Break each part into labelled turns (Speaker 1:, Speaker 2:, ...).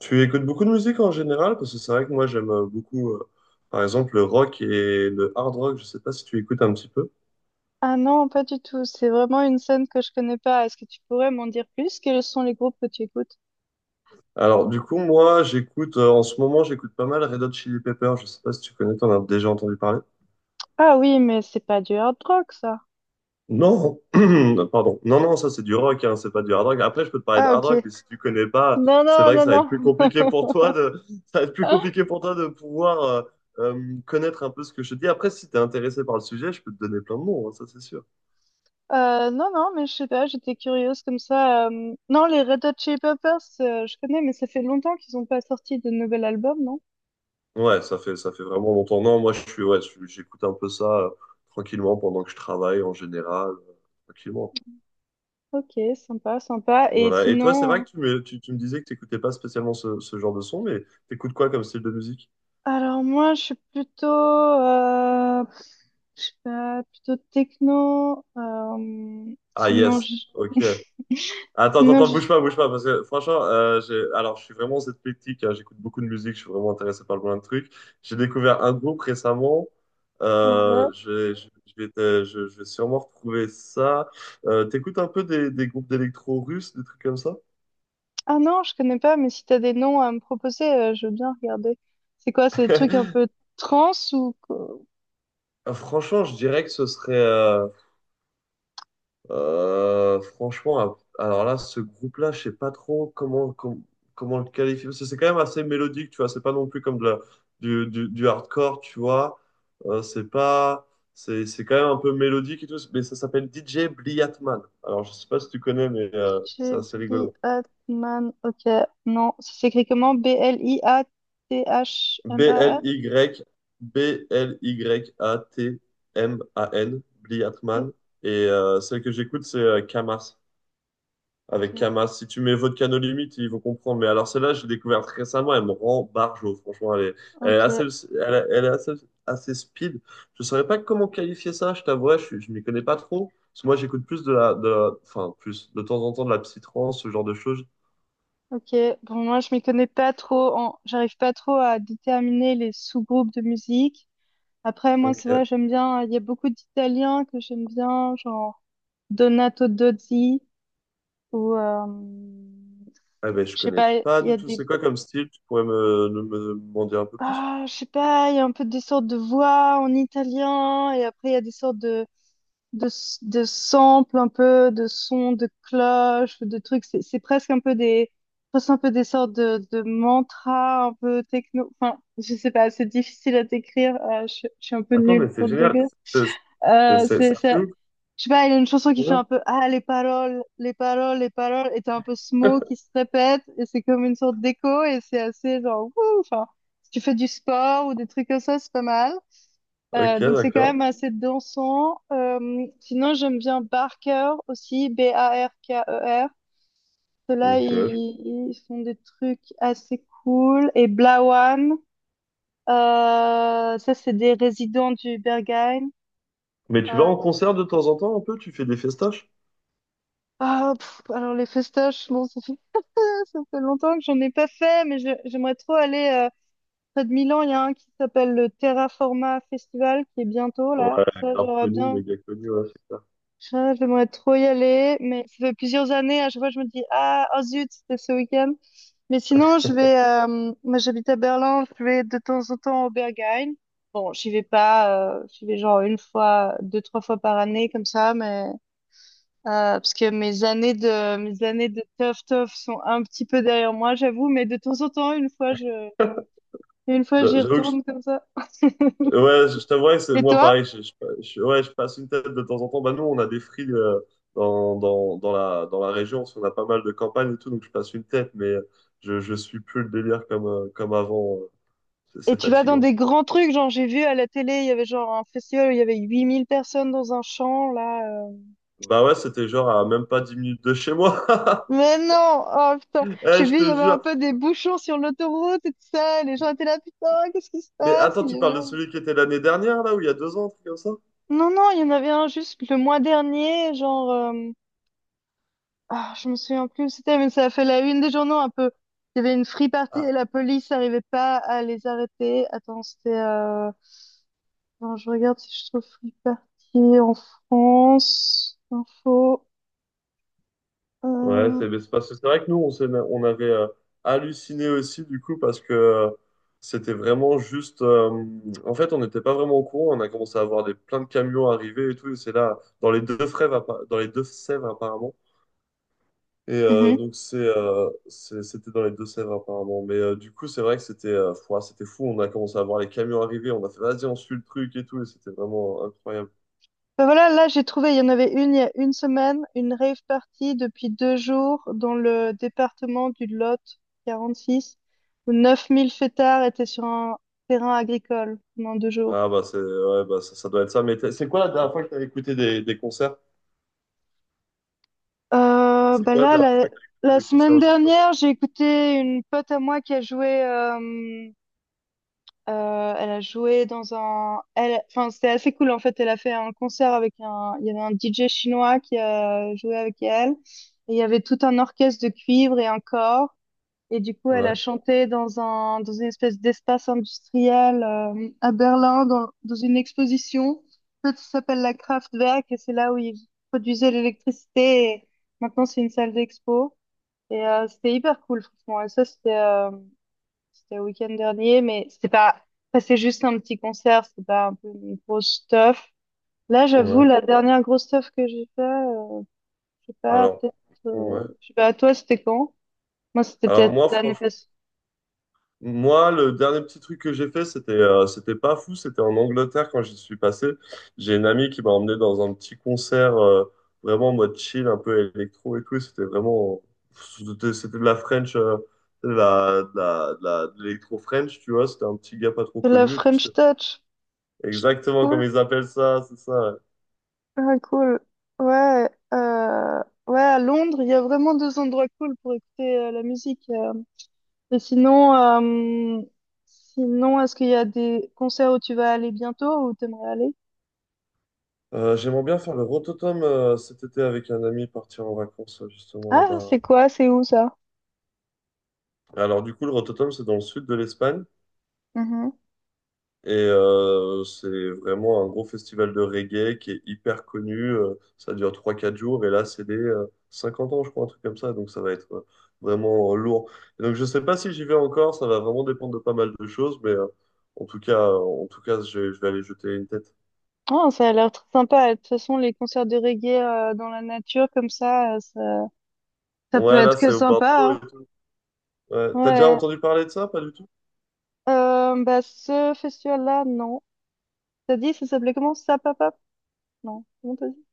Speaker 1: Tu écoutes beaucoup de musique en général? Parce que c'est vrai que moi j'aime beaucoup, par exemple, le rock et le hard rock. Je sais pas si tu écoutes un petit peu.
Speaker 2: Ah non, pas du tout. C'est vraiment une scène que je connais pas. Est-ce que tu pourrais m'en dire plus? Quels sont les groupes que tu écoutes?
Speaker 1: Alors, du coup, moi j'écoute, en ce moment, j'écoute pas mal Red Hot Chili Peppers. Je sais pas si tu connais, t'en as déjà entendu parler.
Speaker 2: Ah oui, mais c'est pas du hard rock, ça.
Speaker 1: Non, pardon. Non, non, ça c'est du rock, hein, c'est pas du hard rock. Après, je peux te parler de
Speaker 2: Ah
Speaker 1: hard
Speaker 2: ok.
Speaker 1: rock, mais si tu connais pas,
Speaker 2: Non,
Speaker 1: c'est
Speaker 2: non,
Speaker 1: vrai que
Speaker 2: non,
Speaker 1: ça va être plus
Speaker 2: non.
Speaker 1: compliqué pour toi de, ça va être plus compliqué pour toi de pouvoir connaître un peu ce que je te dis. Après, si t'es intéressé par le sujet, je peux te donner plein de noms, hein, ça c'est sûr.
Speaker 2: Non, non, mais je sais pas, j'étais curieuse comme ça. Non, les Red Hot Chili Peppers, je connais, mais ça fait longtemps qu'ils ont pas sorti de nouvel album, non?
Speaker 1: Ouais, ça fait vraiment longtemps. Non, moi, je suis, ouais, je- j'écoute un peu ça tranquillement pendant que je travaille en général. Tranquillement.
Speaker 2: Ok, sympa, sympa. Et
Speaker 1: Voilà. Et toi, c'est vrai que tu me disais que tu n'écoutais pas spécialement ce genre de son, mais t'écoutes quoi comme style de musique?
Speaker 2: alors moi, je suis plutôt, je sais pas, plutôt techno.
Speaker 1: Ah, yes. Ok. Attends, attends, attends,
Speaker 2: Je...
Speaker 1: bouge pas, parce que franchement, alors je suis vraiment athlétique, hein, j'écoute beaucoup de musique, je suis vraiment intéressé par plein de trucs. J'ai découvert un groupe récemment,
Speaker 2: ouais.
Speaker 1: je vais te- je vais sûrement retrouver ça. T'écoutes un peu des groupes d'électro russes, des trucs comme ça?
Speaker 2: Ah non, je connais pas, mais si t'as des noms à me proposer, je veux bien regarder. C'est quoi, c'est des trucs un peu trans ou...
Speaker 1: Franchement, je dirais que ce serait, franchement, alors là, ce groupe-là, je sais pas trop comment, com- comment le qualifier. Parce que c'est quand même assez mélodique, tu vois. C'est pas non plus du hardcore, tu vois. C'est pas, c'est quand même un peu mélodique et tout. Mais ça s'appelle DJ Bliatman. Alors, je sais pas si tu connais, mais c'est assez
Speaker 2: Ghibli
Speaker 1: rigolo.
Speaker 2: Atman, ok. Non, ça s'écrit comment? B-L-I-A-T-H-M-A-N?
Speaker 1: B-L-Y, B-L-Y-A-T-M-A-N,
Speaker 2: Ok,
Speaker 1: Bliatman. Et celle que j'écoute, c'est Kamar avec Kama. Si tu mets Volcano Limite, ils vont comprendre. Mais alors celle-là, j'ai découvert très récemment, elle me rend barjo, franchement.
Speaker 2: ok,
Speaker 1: Elle est assez speed. Je ne saurais pas comment qualifier ça, je t'avouerais, je ne m'y connais pas trop. Parce que moi, j'écoute plus de la- enfin, plus de temps en temps de la psytrance, ce genre de choses.
Speaker 2: ok. Bon, moi, je m'y connais pas trop en... J'arrive pas trop à déterminer les sous-groupes de musique. Après, moi,
Speaker 1: Donc,
Speaker 2: c'est
Speaker 1: euh,
Speaker 2: vrai, j'aime bien... Il y a beaucoup d'Italiens que j'aime bien, genre Donato Dozzi. Ou,
Speaker 1: eh ben, je
Speaker 2: je sais
Speaker 1: connais
Speaker 2: pas,
Speaker 1: pas
Speaker 2: il y
Speaker 1: du
Speaker 2: a
Speaker 1: tout.
Speaker 2: des...
Speaker 1: C'est quoi comme style? Tu pourrais me, me, me m'en dire un peu plus?
Speaker 2: Ah, je sais pas, il y a un peu des sortes de voix en italien, et après il y a des sortes de, de samples, un peu de sons de cloches, de trucs. C'est presque un peu des... presque un peu des sortes de mantras, un peu techno. Enfin, je sais pas, c'est difficile à décrire. Je suis un peu
Speaker 1: Attends,
Speaker 2: nulle
Speaker 1: mais c'est
Speaker 2: pour le
Speaker 1: génial.
Speaker 2: décrire. Euh, c'est,
Speaker 1: C'est assez
Speaker 2: ça-
Speaker 1: ouf.
Speaker 2: Je sais pas, il a une chanson qui
Speaker 1: Trop
Speaker 2: fait
Speaker 1: bien.
Speaker 2: un peu Ah, les paroles, les paroles, les paroles, et t'as un peu ce mot qui se répète, et c'est comme une sorte d'écho, et c'est assez genre, wouh, enfin, si tu fais du sport ou des trucs comme ça, c'est pas mal.
Speaker 1: Ok,
Speaker 2: Donc c'est quand
Speaker 1: d'accord.
Speaker 2: même assez dansant. Sinon, j'aime bien Barker aussi, B-A-R-K-E-R. Ceux-là,
Speaker 1: Ok.
Speaker 2: ils font des trucs assez cool. Et Blawan, ça, c'est des résidents du Berghain.
Speaker 1: Mais tu vas
Speaker 2: Euh,
Speaker 1: en concert de temps en temps un peu? Tu fais des festaches?
Speaker 2: ah, pff, alors les festoches, bon, ça ça fait longtemps que j'en ai pas fait, mais j'aimerais trop aller près de Milan. Il y a un qui s'appelle le Terraforma Festival qui est bientôt
Speaker 1: Ouais,
Speaker 2: là. Ça,
Speaker 1: grave
Speaker 2: j'aurais
Speaker 1: connu,
Speaker 2: bien.
Speaker 1: méga connu, ouais, c'est ça.
Speaker 2: Ça, j'aimerais trop y aller, mais ça fait plusieurs années. À chaque fois, je me dis, ah, oh zut, c'était ce week-end. Mais sinon, je vais. Moi, j'habite à Berlin. Je vais de temps en temps au Berghain. Bon, j'y vais pas. J'y vais genre une fois, deux, trois fois par année comme ça, mais euh, parce que mes années de tough tough sont un petit peu derrière moi, j'avoue, mais de temps en temps, une fois j'y
Speaker 1: J'avoue que,
Speaker 2: retourne comme ça.
Speaker 1: je t'avouerais que c'est
Speaker 2: Et
Speaker 1: moi
Speaker 2: toi?
Speaker 1: pareil. Je passe une tête de temps en temps. Bah, nous, on a des frilles dans la région, parce qu'on a pas mal de campagnes et tout, donc je passe une tête, mais je suis plus le délire comme, comme avant. C'est
Speaker 2: Et tu vas dans
Speaker 1: fatigant.
Speaker 2: des grands trucs, genre j'ai vu à la télé, il y avait genre un festival où il y avait 8 000 personnes dans un champ, là. euh.
Speaker 1: Bah ouais, c'était genre à même pas 10 minutes de chez moi.
Speaker 2: Mais non! Oh putain!
Speaker 1: Eh,
Speaker 2: J'ai
Speaker 1: je
Speaker 2: vu,
Speaker 1: te
Speaker 2: il y avait un peu
Speaker 1: jure.
Speaker 2: des bouchons sur l'autoroute et tout ça, et les gens étaient là, putain, qu'est-ce qui se
Speaker 1: Mais
Speaker 2: passe?
Speaker 1: attends, tu parles de celui qui était l'année dernière, là, ou il y a deux ans, un truc comme ça?
Speaker 2: Non, non, il y en avait un juste le mois dernier, genre. Ah, je me souviens plus où c'était, mais ça a fait la une des journaux un peu. Il y avait une free party
Speaker 1: Ah,
Speaker 2: et la police n'arrivait pas à les arrêter. Non, je regarde si je trouve free party en France. Info.
Speaker 1: ouais,
Speaker 2: Euh...
Speaker 1: c'est parce que c'est vrai que nous, on avait halluciné aussi, du coup, parce que c'était vraiment juste. En fait, on n'était pas vraiment au courant. On a commencé à voir plein de camions arriver et tout. Et c'est là, dans les deux Sèvres, apparemment. Et
Speaker 2: mhm.
Speaker 1: c'était dans les deux Sèvres, apparemment. Mais du coup, c'est vrai que c'était fou, ah, c'était fou. On a commencé à voir les camions arriver. On a fait, vas-y, on suit le truc et tout. Et c'était vraiment incroyable.
Speaker 2: Ben voilà, là j'ai trouvé, il y en avait une il y a une semaine, une rave party depuis deux jours dans le département du Lot 46, où 9 000 fêtards étaient sur un terrain agricole pendant deux jours.
Speaker 1: Ah, bah, c'est, ouais, bah, ça doit être ça. Mais c'est quoi la dernière fois que tu as écouté des concerts?
Speaker 2: Euh,
Speaker 1: C'est
Speaker 2: bah
Speaker 1: quoi la
Speaker 2: là,
Speaker 1: dernière fois
Speaker 2: la,
Speaker 1: que tu as
Speaker 2: la
Speaker 1: écouté des
Speaker 2: semaine
Speaker 1: concerts, justement?
Speaker 2: dernière, j'ai écouté une pote à moi qui a joué. Elle a joué dans un. Elle, enfin, c'était assez cool en fait. Elle a fait un concert avec un. Il y avait un DJ chinois qui a joué avec elle. Et il y avait tout un orchestre de cuivre et un corps. Et du coup, elle a
Speaker 1: Ouais,
Speaker 2: chanté dans une espèce d'espace industriel à Berlin, dans une exposition. En fait, ça s'appelle la Kraftwerk, et c'est là où ils produisaient l'électricité. Et maintenant, c'est une salle d'expo. Et c'était hyper cool, franchement. Et ça, c'était le week-end dernier, mais c'était pas... enfin, c'est juste un petit concert, c'était pas un peu une grosse stuff. Là, j'avoue,
Speaker 1: ouais.
Speaker 2: la dernière grosse stuff que j'ai fait, je sais pas,
Speaker 1: Alors,
Speaker 2: peut-être...
Speaker 1: ouais.
Speaker 2: je sais pas, toi, c'était quand? Moi, c'était
Speaker 1: Alors
Speaker 2: peut-être
Speaker 1: moi,
Speaker 2: l'année
Speaker 1: franchement,
Speaker 2: passée.
Speaker 1: moi, le dernier petit truc que j'ai fait, c'était c'était pas fou, c'était en Angleterre quand j'y suis passé. J'ai une amie qui m'a emmené dans un petit concert vraiment en mode chill, un peu électro et tout. Et c'était vraiment, c'était de la French, de l'électro French, tu vois. C'était un petit gars pas trop
Speaker 2: De la
Speaker 1: connu et tout. C'était
Speaker 2: French Touch.
Speaker 1: exactement
Speaker 2: Cool.
Speaker 1: comme ils appellent ça, c'est ça. Ouais.
Speaker 2: Ah, cool. Ouais, à Londres, il y a vraiment deux endroits cool pour écouter la musique. Et sinon, est-ce qu'il y a des concerts où tu vas aller bientôt ou t'aimerais aller?
Speaker 1: J'aimerais bien faire le Rototom cet été avec un ami, partir en vacances justement
Speaker 2: Ah, c'est
Speaker 1: là-bas.
Speaker 2: quoi? C'est où ça?
Speaker 1: Alors du coup, le Rototom, c'est dans le sud de l'Espagne
Speaker 2: Mhm.
Speaker 1: et c'est vraiment un gros festival de reggae qui est hyper connu. Ça dure trois quatre jours et là, c'est des 50 ans, je crois, un truc comme ça. Donc ça va être vraiment lourd. Et donc je sais pas si j'y vais encore, ça va vraiment dépendre de pas mal de choses, mais en tout cas, je vais aller jeter une tête.
Speaker 2: Oh, ça a l'air très sympa. De toute façon, les concerts de reggae dans la nature comme ça, ça, ça peut
Speaker 1: Ouais,
Speaker 2: être
Speaker 1: là,
Speaker 2: que
Speaker 1: c'est au
Speaker 2: sympa,
Speaker 1: Bordeaux
Speaker 2: hein.
Speaker 1: et tout. Ouais. T'as déjà
Speaker 2: Ouais.
Speaker 1: entendu parler de ça? Pas du tout?
Speaker 2: Bah, ce festival-là, non. T'as dit, ça s'appelait comment? Sapapap? Non, comment t'as dit?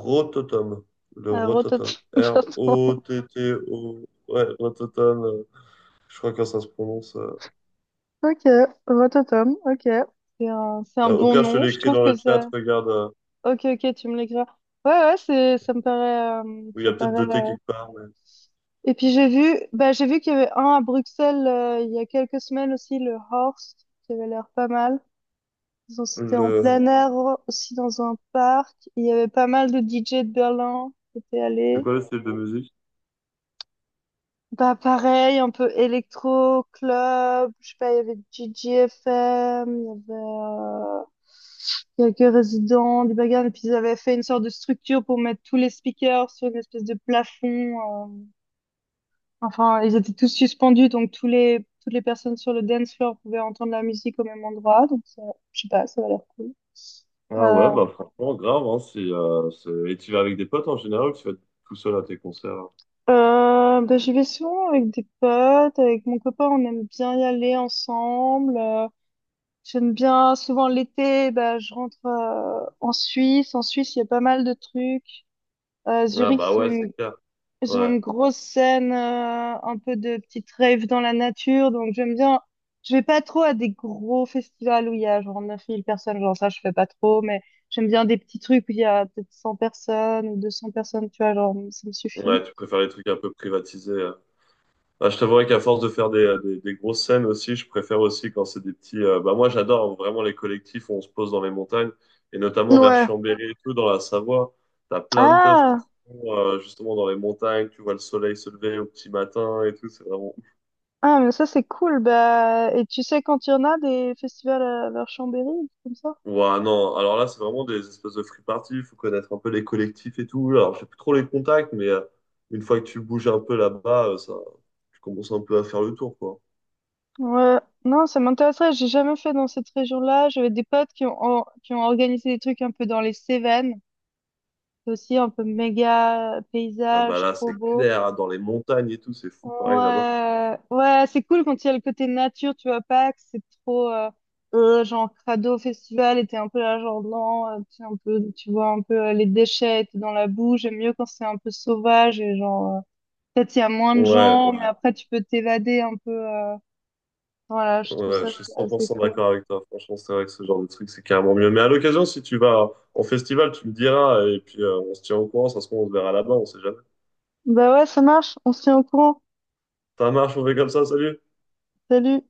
Speaker 1: Rototom. Le
Speaker 2: Rototom,
Speaker 1: Rototom.
Speaker 2: pardon.
Speaker 1: R-O-T-T-O. Ouais, Rototom. Je crois que ça se prononce.
Speaker 2: Ok, Rototom, ok. C'est un
Speaker 1: Au
Speaker 2: bon
Speaker 1: pire, je te
Speaker 2: nom. Je
Speaker 1: l'écris
Speaker 2: trouve
Speaker 1: dans
Speaker 2: que
Speaker 1: le chat.
Speaker 2: c'est.
Speaker 1: Regarde.
Speaker 2: Ok, ok, tu me l'écriras. Ouais, ouais, ça me paraît,
Speaker 1: Oui, il y
Speaker 2: ça
Speaker 1: a peut-être
Speaker 2: paraît.
Speaker 1: deux T
Speaker 2: euh,
Speaker 1: quelque part. Mais
Speaker 2: Et puis j'ai vu, bah j'ai vu qu'il y avait un à Bruxelles il y a quelques semaines aussi, le Horst, qui avait l'air pas mal. C'était en
Speaker 1: Le...
Speaker 2: plein air aussi dans un parc. Il y avait pas mal de DJ de Berlin qui étaient
Speaker 1: C'est
Speaker 2: allés.
Speaker 1: quoi le style de musique?
Speaker 2: Bah pareil, un peu électro club. Je sais pas, il y avait DJFM, il y avait. Quelques résidents, des bagarres, et puis ils avaient fait une sorte de structure pour mettre tous les speakers sur une espèce de plafond. euh, Enfin, ils étaient tous suspendus, donc toutes les personnes sur le dance floor pouvaient entendre la musique au même endroit. Donc, ça, je sais pas, ça a l'air cool.
Speaker 1: Ah
Speaker 2: Euh,
Speaker 1: ouais, bah franchement, grave, hein. Si c'est- Et tu vas avec des potes en général ou tu vas tout seul à tes concerts? Hein.
Speaker 2: Bah, j'y vais souvent avec des potes, avec mon copain, on aime bien y aller ensemble. J'aime bien souvent l'été, bah, je rentre en Suisse. En Suisse, il y a pas mal de trucs.
Speaker 1: Ah
Speaker 2: Zurich, ils
Speaker 1: bah ouais, c'est
Speaker 2: sont
Speaker 1: clair.
Speaker 2: ils ont
Speaker 1: Ouais.
Speaker 2: une grosse scène, un peu de petite rave dans la nature, donc j'aime bien. Je vais pas trop à des gros festivals où il y a genre 9 000 personnes, genre ça je fais pas trop, mais j'aime bien des petits trucs où il y a peut-être 100 personnes ou 200 personnes, tu vois, genre ça me suffit.
Speaker 1: Ouais, tu préfères les trucs un peu privatisés. Bah, je t'avouerais qu'à force de faire des grosses scènes aussi, je préfère aussi quand c'est des petits. Bah moi, j'adore vraiment les collectifs où on se pose dans les montagnes et notamment vers
Speaker 2: Ouais.
Speaker 1: Chambéry et tout dans la Savoie. T'as plein de teufs qui
Speaker 2: Ah,
Speaker 1: sont justement dans les montagnes. Tu vois le soleil se lever au petit matin et tout. C'est vraiment.
Speaker 2: ah mais ça c'est cool, bah et tu sais quand il y en a des festivals vers Chambéry, comme ça?
Speaker 1: Ouais, non. Alors là, c'est vraiment des espèces de free party. Il faut connaître un peu les collectifs et tout. Alors, j'ai plus trop les contacts, mais une fois que tu bouges un peu là-bas, ça, tu commences un peu à faire le tour, quoi.
Speaker 2: Ouais, non, ça m'intéresserait, j'ai jamais fait dans cette région-là, j'avais des potes qui ont organisé des trucs un peu dans les Cévennes. C'est aussi un peu méga
Speaker 1: Ah bah
Speaker 2: paysage,
Speaker 1: là,
Speaker 2: trop
Speaker 1: c'est
Speaker 2: beau.
Speaker 1: clair, dans les montagnes et tout, c'est fou, pareil là-bas.
Speaker 2: Ouais, ouais, c'est cool quand il y a le côté nature, tu vois pas que c'est trop genre crado festival et t'es un peu là genre non, t'es un peu, tu vois un peu les déchets et t'es dans la boue. J'aime mieux quand c'est un peu sauvage et genre peut-être il y a moins de
Speaker 1: Ouais,
Speaker 2: gens, mais
Speaker 1: ouais,
Speaker 2: après tu peux t'évader un peu. Voilà, je trouve
Speaker 1: ouais, je
Speaker 2: ça
Speaker 1: suis
Speaker 2: c'est assez
Speaker 1: 100%
Speaker 2: cool.
Speaker 1: d'accord avec toi. Franchement, c'est vrai que ce genre de truc, c'est carrément mieux. Mais à l'occasion, si tu vas en festival, tu me diras et puis on se tient au courant. Ça se trouve, on se verra là-bas, on sait jamais.
Speaker 2: Bah ouais, ça marche. On se tient au courant.
Speaker 1: Ça marche, on fait comme ça, salut!
Speaker 2: Salut.